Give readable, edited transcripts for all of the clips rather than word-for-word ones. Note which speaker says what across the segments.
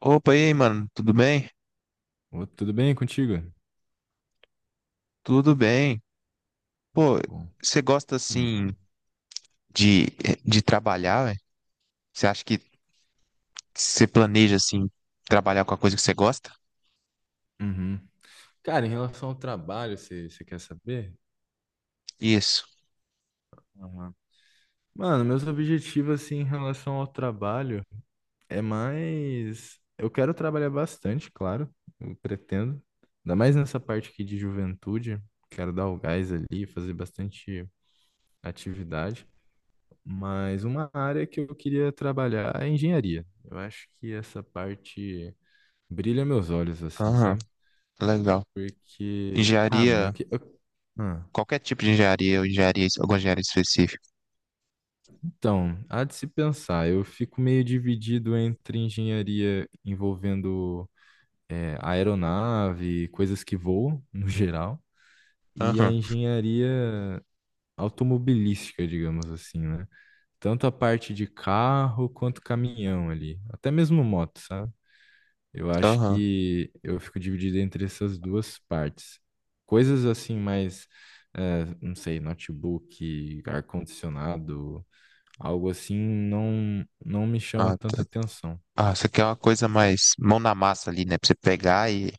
Speaker 1: Opa, e aí, mano, tudo bem?
Speaker 2: Ô, tudo bem contigo?
Speaker 1: Tudo bem. Pô,
Speaker 2: Bom.
Speaker 1: você gosta
Speaker 2: Hum,
Speaker 1: assim de, de trabalhar, velho? Você acha que você planeja assim trabalhar com a coisa que você gosta?
Speaker 2: uhum. Cara, em relação ao trabalho, você quer saber?
Speaker 1: Isso.
Speaker 2: Aham. Mano, meus objetivos assim, em relação ao trabalho é mais. Eu quero trabalhar bastante, claro, eu pretendo. Ainda mais nessa parte aqui de juventude. Quero dar o gás ali, fazer bastante atividade. Mas uma área que eu queria trabalhar é engenharia. Eu acho que essa parte brilha meus olhos, assim,
Speaker 1: Aham,
Speaker 2: sabe?
Speaker 1: legal.
Speaker 2: Porque. Ah, mano,
Speaker 1: Engenharia,
Speaker 2: ah.
Speaker 1: qualquer tipo de engenharia, ou engenharia, alguma engenharia específica.
Speaker 2: Então, há de se pensar, eu fico meio dividido entre engenharia envolvendo aeronave, coisas que voam, no geral, e a
Speaker 1: Aham,
Speaker 2: engenharia automobilística, digamos assim, né? Tanto a parte de carro quanto caminhão ali, até mesmo moto, sabe? Eu acho
Speaker 1: aham.
Speaker 2: que eu fico dividido entre essas duas partes. Coisas assim mais, não sei, notebook, ar-condicionado, algo assim, não, não me chama
Speaker 1: Ah, tá.
Speaker 2: tanta atenção.
Speaker 1: Ah, você quer uma coisa mais mão na massa ali, né? Pra você pegar e,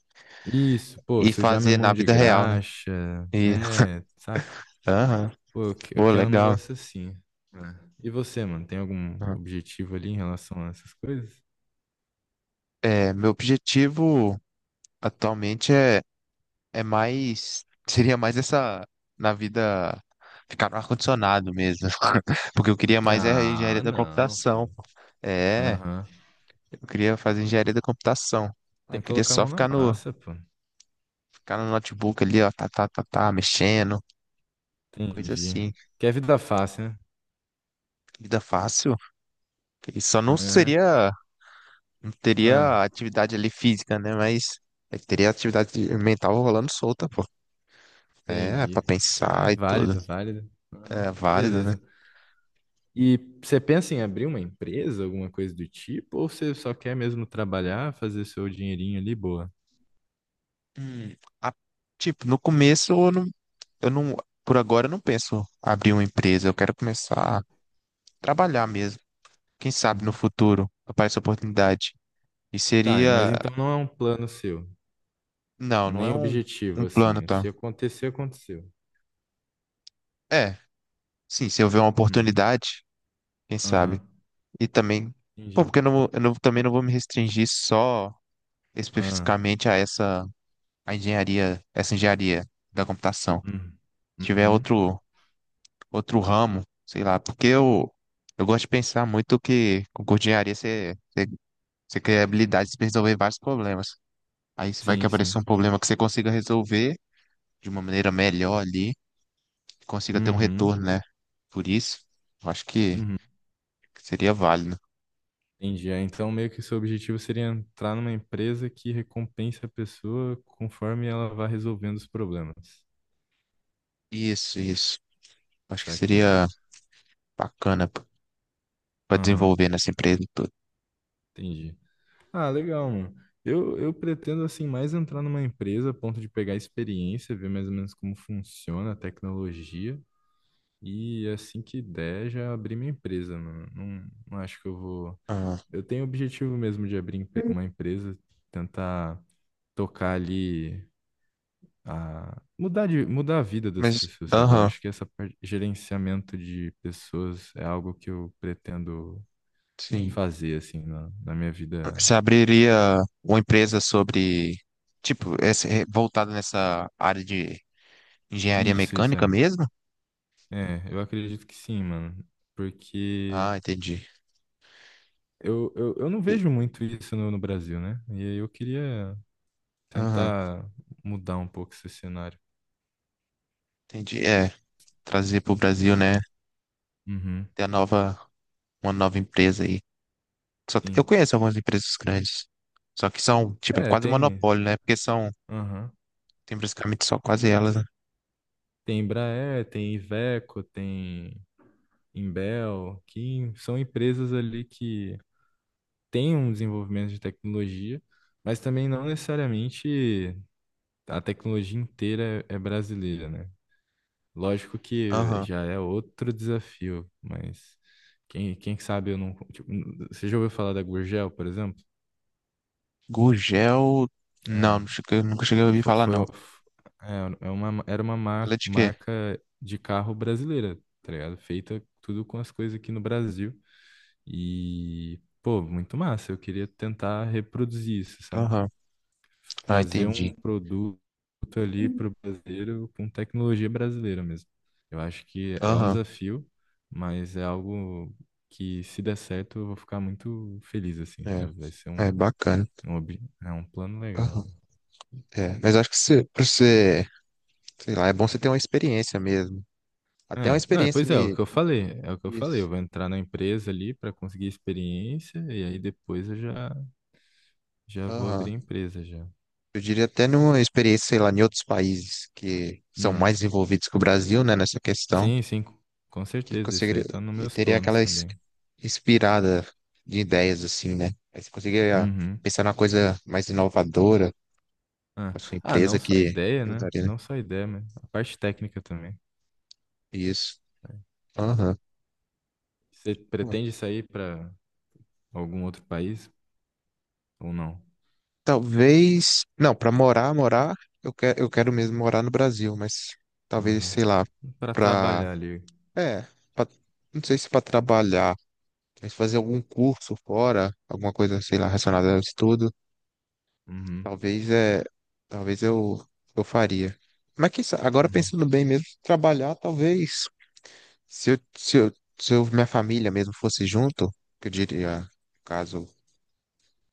Speaker 2: Isso, pô,
Speaker 1: e
Speaker 2: sujar minha
Speaker 1: fazer
Speaker 2: mão
Speaker 1: na
Speaker 2: de
Speaker 1: vida real, né?
Speaker 2: graxa,
Speaker 1: E,
Speaker 2: é, saca?
Speaker 1: aham,
Speaker 2: Pô, eu
Speaker 1: pô,
Speaker 2: quero um
Speaker 1: legal.
Speaker 2: negócio assim, né? E você, mano, tem algum objetivo ali em relação a essas coisas?
Speaker 1: É, meu objetivo atualmente é mais. Seria mais essa. Na vida. Ficar no ar-condicionado mesmo. Porque eu queria mais é a engenharia
Speaker 2: Ah,
Speaker 1: da
Speaker 2: não,
Speaker 1: computação.
Speaker 2: pô.
Speaker 1: É,
Speaker 2: Aham.
Speaker 1: eu queria fazer engenharia da computação.
Speaker 2: Tem
Speaker 1: Eu
Speaker 2: que
Speaker 1: queria
Speaker 2: colocar a
Speaker 1: só
Speaker 2: mão
Speaker 1: ficar
Speaker 2: na
Speaker 1: no,
Speaker 2: massa, pô.
Speaker 1: ficar no notebook ali, ó, tá, tá, tá, tá, mexendo, coisa
Speaker 2: Entendi.
Speaker 1: assim.
Speaker 2: Que é vida fácil, né?
Speaker 1: Vida fácil. E só não
Speaker 2: Aham.
Speaker 1: seria, não
Speaker 2: Ah,
Speaker 1: teria atividade ali física, né? Mas é, que teria atividade mental rolando solta, pô. É, pra
Speaker 2: entendi. Ah,
Speaker 1: pensar
Speaker 2: é
Speaker 1: e tudo.
Speaker 2: válido, válido. Aham.
Speaker 1: É válido, né?
Speaker 2: Beleza. E você pensa em abrir uma empresa, alguma coisa do tipo, ou você só quer mesmo trabalhar, fazer seu dinheirinho ali, boa?
Speaker 1: Hum, a- tipo, no começo eu não, por agora eu não penso abrir uma empresa, eu quero começar a trabalhar mesmo. Quem sabe no
Speaker 2: Uhum.
Speaker 1: futuro aparece oportunidade. E
Speaker 2: Tá, mas
Speaker 1: seria,
Speaker 2: então não é um plano seu,
Speaker 1: não, não é
Speaker 2: nem
Speaker 1: um
Speaker 2: objetivo, assim.
Speaker 1: plano,
Speaker 2: É
Speaker 1: tá?
Speaker 2: se acontecer, aconteceu.
Speaker 1: É, sim, se houver uma
Speaker 2: Uhum.
Speaker 1: oportunidade, quem
Speaker 2: Aham.
Speaker 1: sabe. E também, pô,
Speaker 2: Entendi.
Speaker 1: porque eu não- também não vou me restringir só
Speaker 2: Ah.
Speaker 1: especificamente a essa, a engenharia, essa engenharia da computação.
Speaker 2: Uhum.
Speaker 1: Se tiver
Speaker 2: Uhum.
Speaker 1: outro ramo, sei lá, porque eu gosto de pensar muito que com engenharia você cria habilidades para resolver vários problemas. Aí você vai que
Speaker 2: Sim,
Speaker 1: aparecer
Speaker 2: sim.
Speaker 1: um problema que você consiga resolver de uma maneira melhor ali, consiga ter um
Speaker 2: Uhum.
Speaker 1: retorno, né? Por isso, eu acho que
Speaker 2: Uhum.
Speaker 1: seria válido.
Speaker 2: Entendi. É, então, meio que o seu objetivo seria entrar numa empresa que recompense a pessoa conforme ela vai resolvendo os problemas.
Speaker 1: Isso, isso. Acho que
Speaker 2: Saquei.
Speaker 1: seria bacana para
Speaker 2: Aham,
Speaker 1: desenvolver nessa empresa e tudo.
Speaker 2: entendi. Ah, legal, mano. Eu pretendo, assim, mais entrar numa empresa a ponto de pegar experiência, ver mais ou menos como funciona a tecnologia e, assim que der, já abrir minha empresa, mano. Não, não acho que eu vou...
Speaker 1: Ah,
Speaker 2: Eu tenho o objetivo mesmo de uma empresa, tentar tocar ali a mudar a vida das
Speaker 1: mas,
Speaker 2: pessoas, sabe? Eu
Speaker 1: aham,
Speaker 2: acho que essa parte, gerenciamento de pessoas é algo que eu pretendo
Speaker 1: sim.
Speaker 2: fazer, assim, na minha vida.
Speaker 1: Você abriria uma empresa sobre, tipo, esse, voltada nessa área de engenharia
Speaker 2: Isso
Speaker 1: mecânica
Speaker 2: é.
Speaker 1: mesmo?
Speaker 2: É, eu acredito que sim, mano. Porque
Speaker 1: Ah, entendi.
Speaker 2: eu não vejo muito isso no Brasil, né? E aí eu queria
Speaker 1: Aham,
Speaker 2: tentar mudar um pouco esse cenário,
Speaker 1: entendi. É, trazer para o Brasil,
Speaker 2: entendeu?
Speaker 1: né?
Speaker 2: Uhum,
Speaker 1: Ter a nova uma nova empresa aí. Só que eu
Speaker 2: sim.
Speaker 1: conheço algumas empresas grandes, só que são, tipo, é
Speaker 2: É,
Speaker 1: quase
Speaker 2: tem.
Speaker 1: monopólio, né? Porque são,
Speaker 2: Aham.
Speaker 1: tem basicamente só quase elas, né?
Speaker 2: Tem Embraer, tem Iveco, tem Imbel, que são empresas ali que têm um desenvolvimento de tecnologia, mas também não necessariamente a tecnologia inteira é brasileira, né? Lógico que
Speaker 1: Aham.
Speaker 2: já é outro desafio, mas quem sabe eu não. Tipo, você já ouviu falar da Gurgel, por exemplo?
Speaker 1: Gugel, não,
Speaker 2: É,
Speaker 1: não cheguei- nunca cheguei a ouvir
Speaker 2: fo-
Speaker 1: falar,
Speaker 2: foi,
Speaker 1: não.
Speaker 2: f- é, é uma, era uma mar-
Speaker 1: Ela é de quê?
Speaker 2: marca de carro brasileira, tá ligado? Feita tudo com as coisas aqui no Brasil. E, pô, muito massa. Eu queria tentar reproduzir isso, sabe?
Speaker 1: Aham. Ah,
Speaker 2: Fazer um
Speaker 1: entendi.
Speaker 2: produto ali pro brasileiro com tecnologia brasileira mesmo. Eu acho que é um
Speaker 1: Aham.
Speaker 2: desafio, mas é algo que, se der certo, eu vou ficar muito feliz, assim,
Speaker 1: É,
Speaker 2: sabe? Vai ser um,
Speaker 1: é bacana.
Speaker 2: um, ob- É um plano legal,
Speaker 1: Aham.
Speaker 2: né?
Speaker 1: É, mas acho que você, pra você, sei lá, é bom você ter uma experiência mesmo. Até uma
Speaker 2: É, não, é,
Speaker 1: experiência
Speaker 2: pois é, é o que eu falei, é o que eu falei. Eu
Speaker 1: nisso.
Speaker 2: vou entrar na empresa ali para conseguir experiência e aí depois já vou
Speaker 1: Aham.
Speaker 2: abrir a empresa já.
Speaker 1: Eu diria até numa experiência, sei lá, em outros países que são mais
Speaker 2: Uhum.
Speaker 1: envolvidos que o Brasil, né, nessa questão,
Speaker 2: Sim, sim, com
Speaker 1: que
Speaker 2: certeza. Isso
Speaker 1: conseguiria,
Speaker 2: aí tá nos
Speaker 1: e
Speaker 2: meus
Speaker 1: teria
Speaker 2: planos
Speaker 1: aquela
Speaker 2: também.
Speaker 1: inspirada de ideias, assim, né? Aí você conseguiria
Speaker 2: Uhum.
Speaker 1: pensar numa coisa mais inovadora
Speaker 2: Ah,
Speaker 1: para sua
Speaker 2: ah,
Speaker 1: empresa
Speaker 2: não só
Speaker 1: que
Speaker 2: ideia, né?
Speaker 1: mudaria, né?
Speaker 2: Não só ideia, mas a parte técnica também.
Speaker 1: Isso.
Speaker 2: É. Ah.
Speaker 1: Aham.
Speaker 2: Você
Speaker 1: Pô,
Speaker 2: pretende sair para algum outro país ou não?
Speaker 1: talvez, não, para morar, morar, eu quero mesmo morar no Brasil, mas talvez,
Speaker 2: Aham.
Speaker 1: sei lá,
Speaker 2: Para
Speaker 1: para,
Speaker 2: trabalhar ali.
Speaker 1: é, pra- não sei se para trabalhar. Quer fazer algum curso fora, alguma coisa, sei lá, relacionada ao estudo,
Speaker 2: Uhum.
Speaker 1: talvez é, talvez eu faria. Mas agora
Speaker 2: Uhum.
Speaker 1: pensando bem mesmo, trabalhar, talvez, se eu, se eu, se eu- minha família mesmo fosse junto, que eu diria, no caso,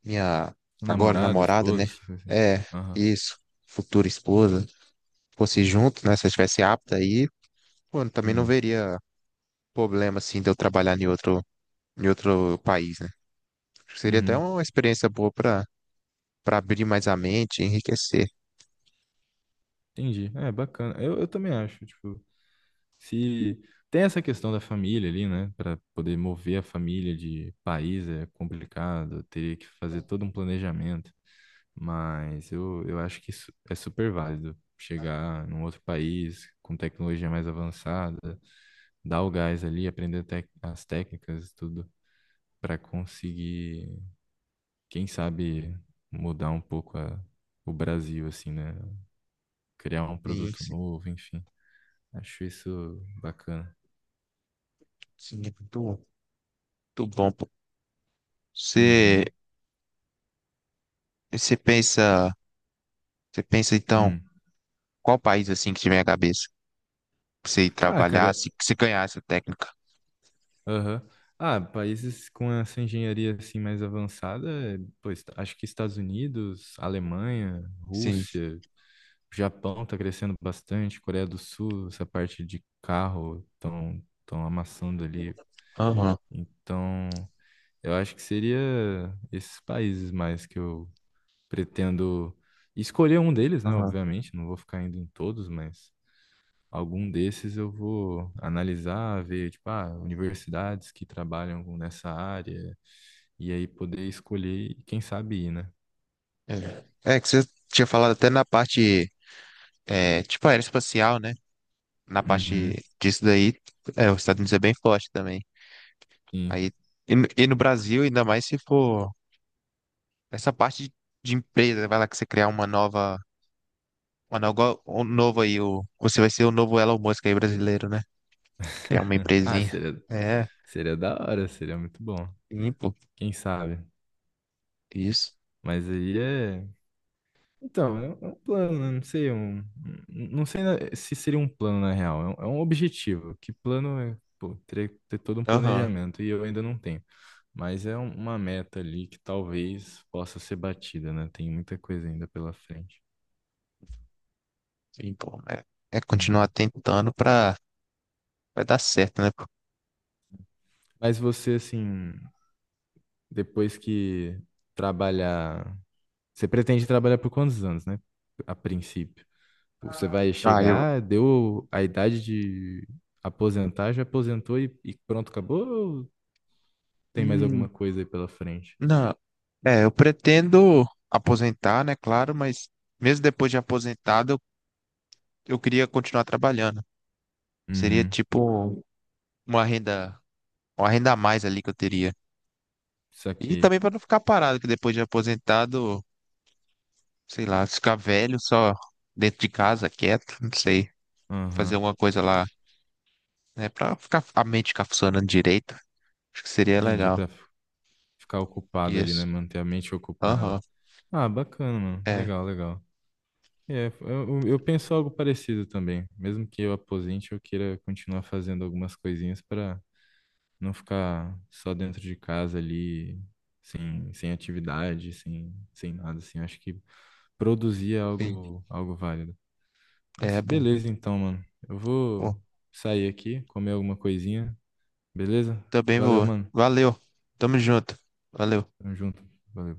Speaker 1: minha agora
Speaker 2: Namorada,
Speaker 1: namorada, né?
Speaker 2: esposa, essas coisas assim.
Speaker 1: É,
Speaker 2: Aham.
Speaker 1: isso, futura esposa, fosse junto, né? Se eu estivesse apta aí, pô, eu também não
Speaker 2: Uhum.
Speaker 1: veria problema, assim, de eu trabalhar em outro país, né? Acho que seria até
Speaker 2: Uhum.
Speaker 1: uma experiência boa para abrir mais a mente, enriquecer.
Speaker 2: Entendi. É, bacana. Eu também acho. Tipo, se tem essa questão da família ali, né? Para poder mover a família de país é complicado, teria que fazer todo um planejamento. Mas eu acho que isso é super válido. Chegar num outro país com tecnologia mais avançada, dar o gás ali, aprender as técnicas e tudo, para conseguir, quem sabe, mudar um pouco a- o Brasil, assim, né? Criar um
Speaker 1: Sim,
Speaker 2: produto
Speaker 1: sim,
Speaker 2: novo, enfim. Acho isso bacana.
Speaker 1: sim, é muito, muito bom, pô. Você,
Speaker 2: Uhum.
Speaker 1: você pensa, você pensa então,
Speaker 2: Hum.
Speaker 1: qual país assim que tiver a cabeça? Pra você ir
Speaker 2: Ah,
Speaker 1: trabalhar,
Speaker 2: cara,
Speaker 1: se ganhar essa técnica.
Speaker 2: aham. Ah, países com essa engenharia assim mais avançada, é, pois acho que Estados Unidos, Alemanha,
Speaker 1: Sim.
Speaker 2: Rússia, Japão tá crescendo bastante, Coreia do Sul, essa parte de carro tão amassando ali.
Speaker 1: Aham,
Speaker 2: Então, eu acho que seria esses países mais que eu pretendo escolher um deles, né?
Speaker 1: aham.
Speaker 2: Obviamente, não vou ficar indo em todos, mas algum desses eu vou analisar, ver, tipo, ah, universidades nessa área, e aí poder escolher e quem sabe ir, né?
Speaker 1: É. É que você tinha falado até na parte, tipo aeroespacial, né? Na
Speaker 2: Uhum,
Speaker 1: parte disso daí, os Estados Unidos é bem forte também.
Speaker 2: sim.
Speaker 1: Aí, e no Brasil, ainda mais se for. Essa parte de empresa, vai lá que você criar uma nova um novo aí, você vai ser o novo Elon Musk aí brasileiro, né? Criar uma
Speaker 2: Ah,
Speaker 1: empresinha. É,
Speaker 2: seria da hora, seria muito bom.
Speaker 1: sim, pô,
Speaker 2: Quem sabe?
Speaker 1: isso.
Speaker 2: Mas aí é. Então, é um plano, né? Não sei, não sei se seria um plano na real, é um objetivo. Que plano é, pô, ter todo um
Speaker 1: Aham,
Speaker 2: planejamento e eu ainda não tenho. Mas é uma meta ali que talvez possa ser batida, né? Tem muita coisa ainda pela frente.
Speaker 1: sim, pô. É continuar
Speaker 2: Uhum.
Speaker 1: tentando pra, vai dar certo, né, pô?
Speaker 2: Mas você, assim, depois que trabalhar, você pretende trabalhar por quantos anos, né? A princípio. Você vai
Speaker 1: Ah,
Speaker 2: chegar, deu a idade de aposentar, já aposentou e pronto, acabou? Ou tem mais
Speaker 1: hum,
Speaker 2: alguma coisa aí pela frente?
Speaker 1: não, eu pretendo aposentar, né, claro, mas mesmo depois de aposentado, eu queria continuar trabalhando. Seria
Speaker 2: Uhum.
Speaker 1: tipo uma renda, uma renda a mais ali que eu teria.
Speaker 2: Isso
Speaker 1: E
Speaker 2: aqui.
Speaker 1: também para não ficar parado, que depois de aposentado, sei lá, ficar velho só dentro de casa, quieto, não sei, fazer
Speaker 2: Aham.
Speaker 1: alguma coisa lá, né, para ficar a mente ficar funcionando direito. Acho que seria
Speaker 2: Entendi.
Speaker 1: legal.
Speaker 2: Pra ficar ocupado ali, né?
Speaker 1: Isso.
Speaker 2: Manter a mente ocupada.
Speaker 1: Aham.
Speaker 2: Ah, bacana, mano.
Speaker 1: É,
Speaker 2: Legal, legal. É, eu penso algo parecido também. Mesmo que eu aposente, eu queira continuar fazendo algumas coisinhas para não ficar só dentro de casa ali, sem, sem atividade, sem, sem nada, assim. Eu acho que produzir é
Speaker 1: sim.
Speaker 2: algo, algo válido. Mas
Speaker 1: É bom.
Speaker 2: beleza, então, mano. Eu
Speaker 1: Bom,
Speaker 2: vou sair aqui, comer alguma coisinha, beleza?
Speaker 1: também
Speaker 2: Valeu,
Speaker 1: vou.
Speaker 2: mano.
Speaker 1: Valeu. Tamo junto. Valeu.
Speaker 2: Tamo junto. Valeu.